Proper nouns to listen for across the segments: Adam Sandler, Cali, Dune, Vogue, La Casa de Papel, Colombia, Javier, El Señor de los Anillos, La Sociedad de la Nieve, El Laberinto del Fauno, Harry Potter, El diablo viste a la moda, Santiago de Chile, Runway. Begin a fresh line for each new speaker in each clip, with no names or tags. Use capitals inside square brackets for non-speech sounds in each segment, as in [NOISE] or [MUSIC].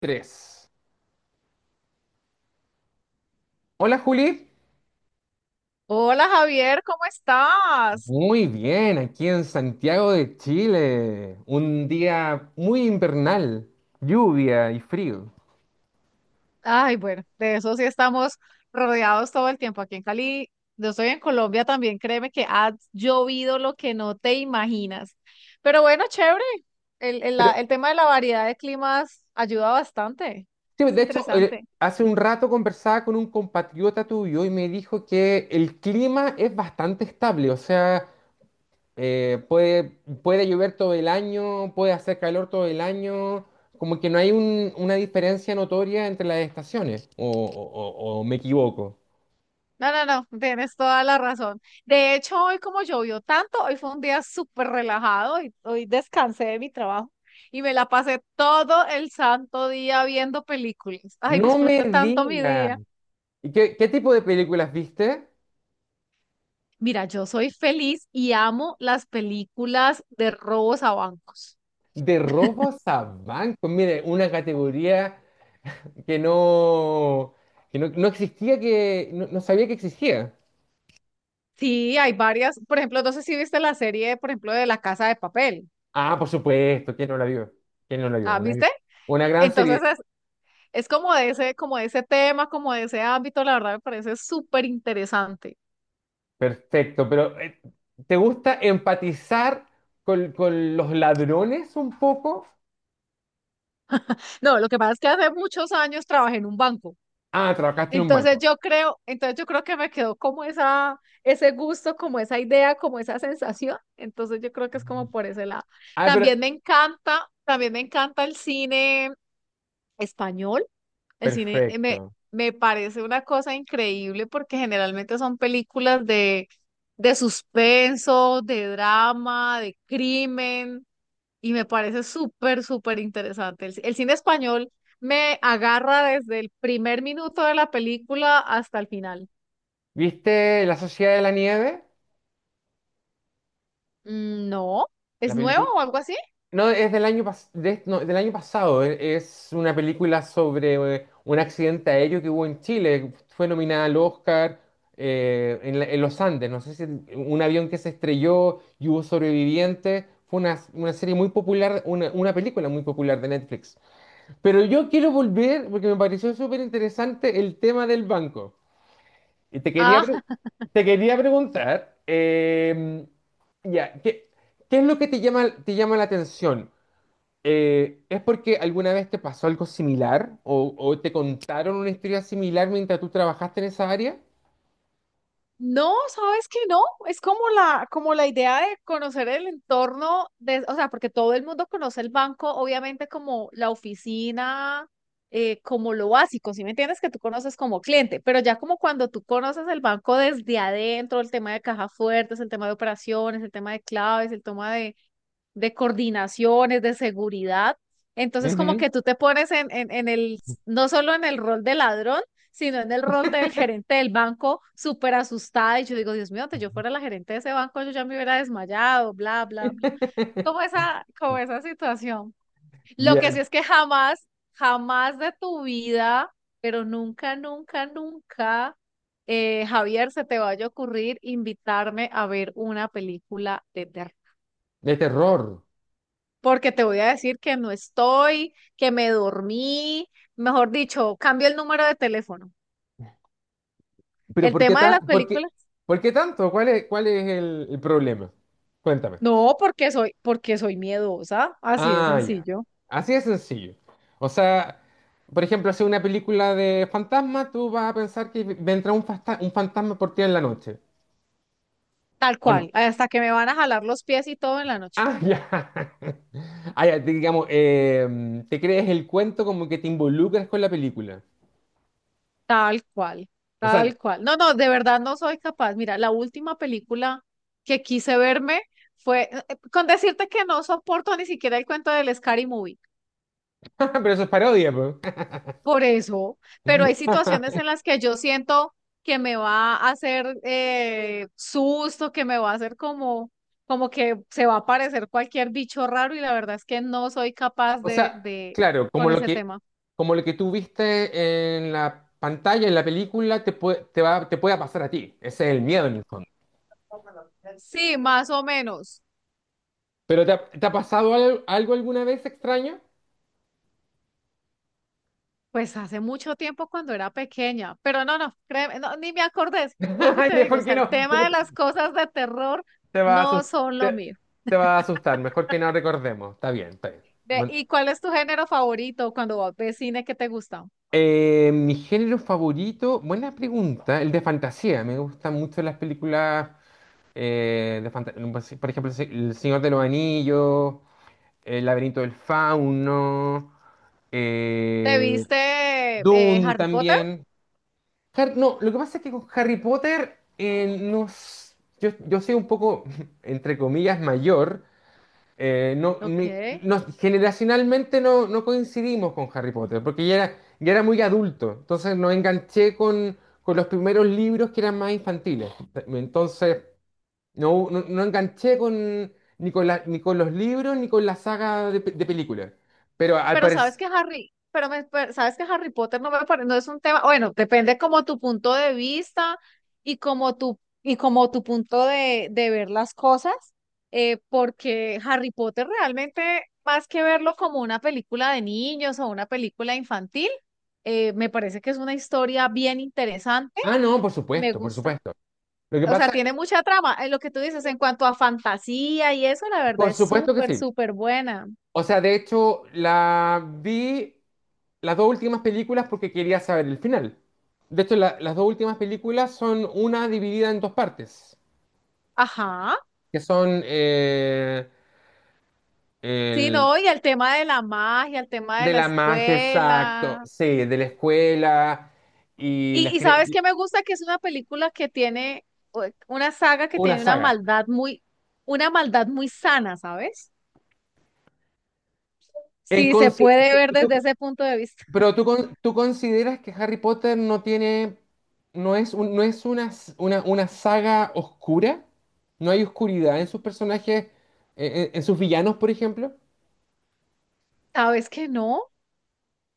Tres. Hola Juli,
Hola Javier, ¿cómo estás?
muy bien, aquí en Santiago de Chile, un día muy invernal, lluvia y frío.
Ay, bueno, de eso sí estamos rodeados todo el tiempo aquí en Cali. Yo estoy en Colombia también, créeme que ha llovido lo que no te imaginas. Pero bueno, chévere. El, el
Pero
la- el tema de la variedad de climas ayuda bastante.
sí,
Es
de hecho,
interesante.
hace un rato conversaba con un compatriota tuyo y me dijo que el clima es bastante estable, o sea, eh, puede, puede llover todo el año, puede hacer calor todo el año, como que no hay una diferencia notoria entre las estaciones, o me equivoco.
No, no, no, tienes toda la razón. De hecho, hoy como llovió tanto, hoy fue un día súper relajado y hoy descansé de mi trabajo y me la pasé todo el santo día viendo películas. Ay,
No me
disfruté tanto mi
digas.
día.
¿Y qué tipo de películas viste?
Mira, yo soy feliz y amo las películas de robos a bancos.
De robos a bancos. Mire, una categoría que no, que no, no existía, que no, no sabía que existía.
Sí, hay varias. Por ejemplo, no sé si viste la serie, por ejemplo, de La Casa de Papel.
Ah, por supuesto, ¿quién no la vio? ¿Quién no la vio?
Ah, ¿viste?
Una gran serie.
Entonces es, es como de ese tema, como de ese ámbito, la verdad me parece súper interesante.
Perfecto, pero ¿te gusta empatizar con los ladrones un poco?
No, lo que pasa es que hace muchos años trabajé en un banco.
Ah, trabajaste en un
Entonces
banco.
yo creo, entonces yo creo que me quedó como esa, ese gusto, como esa idea, como esa sensación. Entonces yo creo que es como por ese lado.
Ah, pero...
También me encanta el cine español. El cine
Perfecto.
me parece una cosa increíble porque generalmente son películas de suspenso, de drama, de crimen y me parece súper, súper interesante. El cine español me agarra desde el primer minuto de la película hasta el final.
¿Viste La Sociedad de la Nieve?
Mm, no,
La
¿es nuevo
película.
o algo así?
No, es del no, del año pasado. Es una película sobre un accidente aéreo que hubo en Chile. Fue nominada al Oscar en los Andes. No sé si un avión que se estrelló y hubo sobrevivientes. Fue una serie muy popular, una película muy popular de Netflix. Pero yo quiero volver, porque me pareció súper interesante el tema del banco. Y
Ah,
te quería preguntar, em, ya, ¿qué es lo que te llama la atención? ¿Es porque alguna vez te pasó algo similar o te contaron una historia similar mientras tú trabajaste en esa área?
No, sabes que no, es como la idea de conocer el entorno de, o sea, porque todo el mundo conoce el banco, obviamente como la oficina, como lo básico, ¿sí me entiendes? Que tú conoces como cliente, pero ya como cuando tú conoces el banco desde adentro, el tema de caja fuertes, el tema de operaciones, el tema de claves, el tema de coordinaciones, de seguridad. Entonces, como
Ujú.
que tú te pones en no solo en el rol de ladrón, sino en el rol del gerente del banco, súper asustada. Y yo digo, Dios mío, antes yo fuera la gerente de ese banco, yo ya me hubiera desmayado, bla, bla, bla.
[LAUGHS]
Como esa situación. Lo
Ya.
que sí es que jamás, jamás de tu vida, pero nunca, nunca, nunca, Javier, se te vaya a ocurrir invitarme a ver una película de terror
De terror.
porque te voy a decir que no estoy, que me dormí, mejor dicho, cambio el número de teléfono.
Pero
El tema de las
por qué-
películas,
¿por qué tanto? ¿Cuál es el problema? Cuéntame.
no, porque soy miedosa, así de
Ah, ya.
sencillo,
Así de sencillo. O sea, por ejemplo, hacer una película de fantasma, tú vas a pensar que vendrá un fantasma por ti en la noche.
tal
O no.
cual, hasta que me van a jalar los pies y todo en la noche,
Ah, ya. [LAUGHS] Ah, ya, digamos, em, te crees el cuento como que te involucras con la película.
tal cual,
O sea,
tal cual. No, no, de verdad no soy capaz. Mira, la última película que quise verme fue, con decirte que no soporto ni siquiera el cuento del Scary Movie.
[LAUGHS] pero eso es parodia, po.
Por eso, pero hay situaciones en las que yo siento que me va a hacer susto, que me va a hacer como, como que se va a aparecer cualquier bicho raro y la verdad es que no soy capaz
O sea,
de
claro,
con ese tema.
como lo que tú viste en la pantalla, en la película, te puede, te va, te pueda pasar a ti. Ese es el miedo en el fondo.
Sí, más o menos.
¿Pero te ha pasado algo, alguna vez extraño?
Pues hace mucho tiempo cuando era pequeña, pero no, no, créeme, no, ni me acordé.
[LAUGHS]
Vuelvo y
Ay,
te digo, o
mejor que
sea, el
no,
tema
porque
de las cosas de terror
te va a
no
asustar,
son
te,
lo mío.
te va a asustar. Mejor que no recordemos. Está bien, está bien.
Ve, ¿y cuál es tu género favorito cuando ves cine que te gusta?
Mi género favorito, buena pregunta, el de fantasía. Me gustan mucho las películas de fantasía. Por ejemplo, El Señor de los Anillos, El Laberinto del Fauno,
¿Te
eh,
viste
Dune
Harry Potter?
también. No, lo que pasa es que con Harry Potter, yo soy un poco, [LAUGHS] entre comillas, mayor. No,
Ok.
generacionalmente no, no coincidimos con Harry Potter, porque ya era muy adulto, entonces no enganché con los primeros libros que eran más infantiles. Entonces, no enganché con, ni con los libros ni con la saga de películas. Pero al
Pero sabes
parecer...
que Harry, pero, pero sabes que Harry Potter no me parece, no es un tema, bueno, depende como tu punto de vista y como tu punto de ver las cosas, porque Harry Potter realmente, más que verlo como una película de niños o una película infantil, me parece que es una historia bien interesante.
Ah, no, por
Me
supuesto, por
gusta.
supuesto. Lo que
O sea,
pasa,
tiene mucha trama. En lo que tú dices, en cuanto a fantasía y eso, la verdad
por
es
supuesto que
súper,
sí.
súper buena.
O sea, de hecho, la vi las dos últimas películas porque quería saber el final. De hecho, las dos últimas películas son una dividida en dos partes,
Ajá.
que son
Sí,
el,
no, y el tema de la magia, el tema de
de
la
la magia, exacto,
escuela.
sí, de la escuela y
Y sabes qué me gusta que es una película que tiene una saga que
una
tiene
saga.
una maldad muy sana, ¿sabes?
En
Sí, se
conse-
puede
¿tú,
ver desde
tú-
ese punto de vista.
Pero
[LAUGHS]
tú, tú consideras que Harry Potter no tiene, no es no es una saga oscura, no hay oscuridad en sus personajes, en sus villanos, por ejemplo.
¿Sabes que no?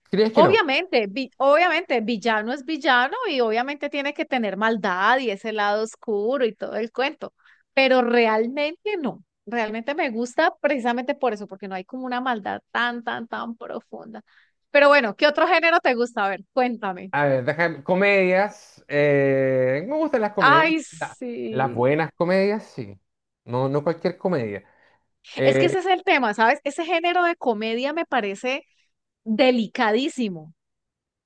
¿Crees que no?
Obviamente, obviamente, villano es villano y obviamente tiene que tener maldad y ese lado oscuro y todo el cuento, pero realmente no, realmente me gusta precisamente por eso, porque no hay como una maldad tan, tan, tan profunda. Pero bueno, ¿qué otro género te gusta? A ver, cuéntame.
A ver, déjame, comedias, me gustan las comedias,
Ay,
las
sí.
buenas comedias, sí, no cualquier comedia.
Es que
Eh,
ese es el tema, ¿sabes? Ese género de comedia me parece delicadísimo.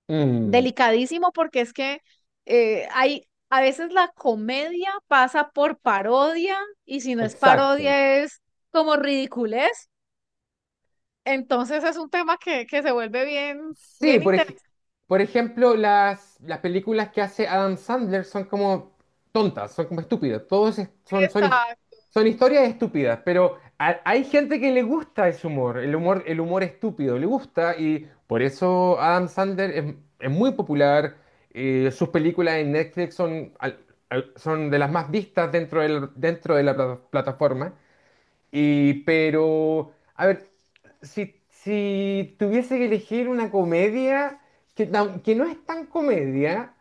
mm,
Delicadísimo porque es que hay, a veces la comedia pasa por parodia y si no es
exacto.
parodia es como ridiculez. Entonces es un tema que se vuelve bien,
Sí,
bien interesante.
por ejemplo, las películas que hace Adam Sandler son como tontas, son como estúpidas. Todos es- son, son, his- Son historias estúpidas, pero hay gente que le gusta ese humor, el humor estúpido, le gusta y por eso Adam Sandler es muy popular. Eh, sus películas en Netflix son de las más vistas dentro de la plataforma. Y, pero, a ver, si tuviese que elegir una comedia que no es tan comedia,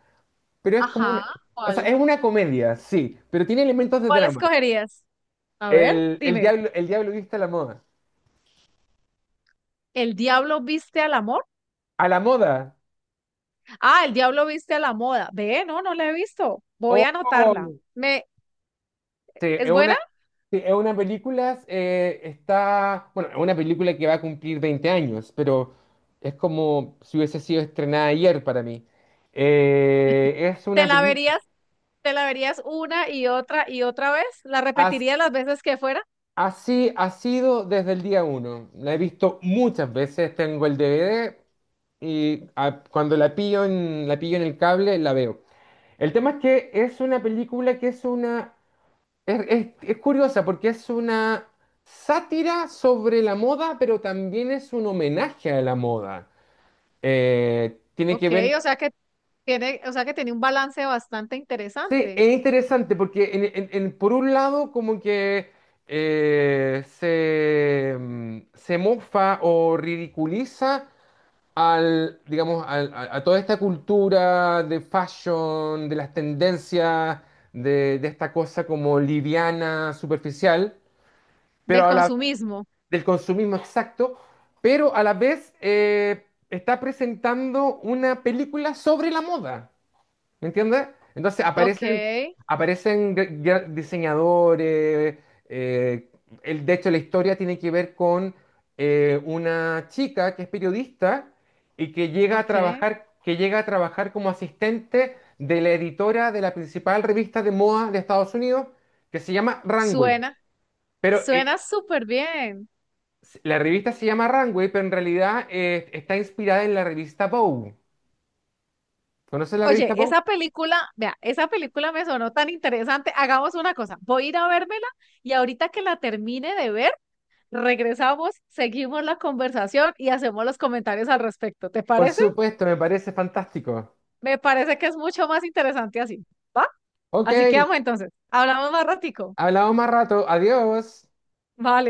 pero es como
Ajá,
una, o sea,
¿cuál?
es una comedia, sí, pero tiene elementos de
¿Cuál
drama.
escogerías? A ver, dime.
El diablo viste a la moda.
¿El diablo viste al amor?
A la moda.
Ah, el diablo viste a la moda. Ve, no, no la he visto. Voy
Oh,
a anotarla. Me,
sí, es
¿es buena?
una, sí, es una película, bueno, es una película que va a cumplir 20 años, pero es como si hubiese sido estrenada ayer para mí. Es
¿Te
una
la
película...
verías, te la verías una y otra vez? ¿La repetirías las veces que fuera?
Así ha sido desde el día uno. La he visto muchas veces, tengo el DVD y ah, cuando la pillo en el cable la veo. El tema es que es una película que es una... Es curiosa porque es una sátira sobre la moda, pero también es un homenaje a la moda. Tiene que
Ok, o
ver.
sea que tiene, o sea que tiene un balance bastante
Sí,
interesante
es interesante porque por un lado como que se mofa o ridiculiza al, digamos, a toda esta cultura de fashion, de las tendencias, de esta cosa como liviana, superficial, pero
del
a la,
consumismo.
del consumismo exacto, pero a la vez está presentando una película sobre la moda. ¿Me entiendes? Entonces
Ok,
aparecen, aparecen diseñadores. eh, de hecho, la historia tiene que ver con una chica que es periodista y
ok.
que llega a trabajar como asistente de la editora de la principal revista de moda de Estados Unidos, que se llama Runway.
Suena,
Pero
suena súper bien.
la revista se llama Runway, pero en realidad está inspirada en la revista Vogue. ¿Conoces la revista
Oye,
Vogue?
esa película, vea, esa película me sonó tan interesante. Hagamos una cosa, voy a ir a vérmela y ahorita que la termine de ver, regresamos, seguimos la conversación y hacemos los comentarios al respecto. ¿Te
Por
parece?
supuesto, me parece fantástico.
Me parece que es mucho más interesante así, ¿va?
Ok.
Así quedamos entonces. Hablamos más ratico.
Hablamos más rato. Adiós.
Vale.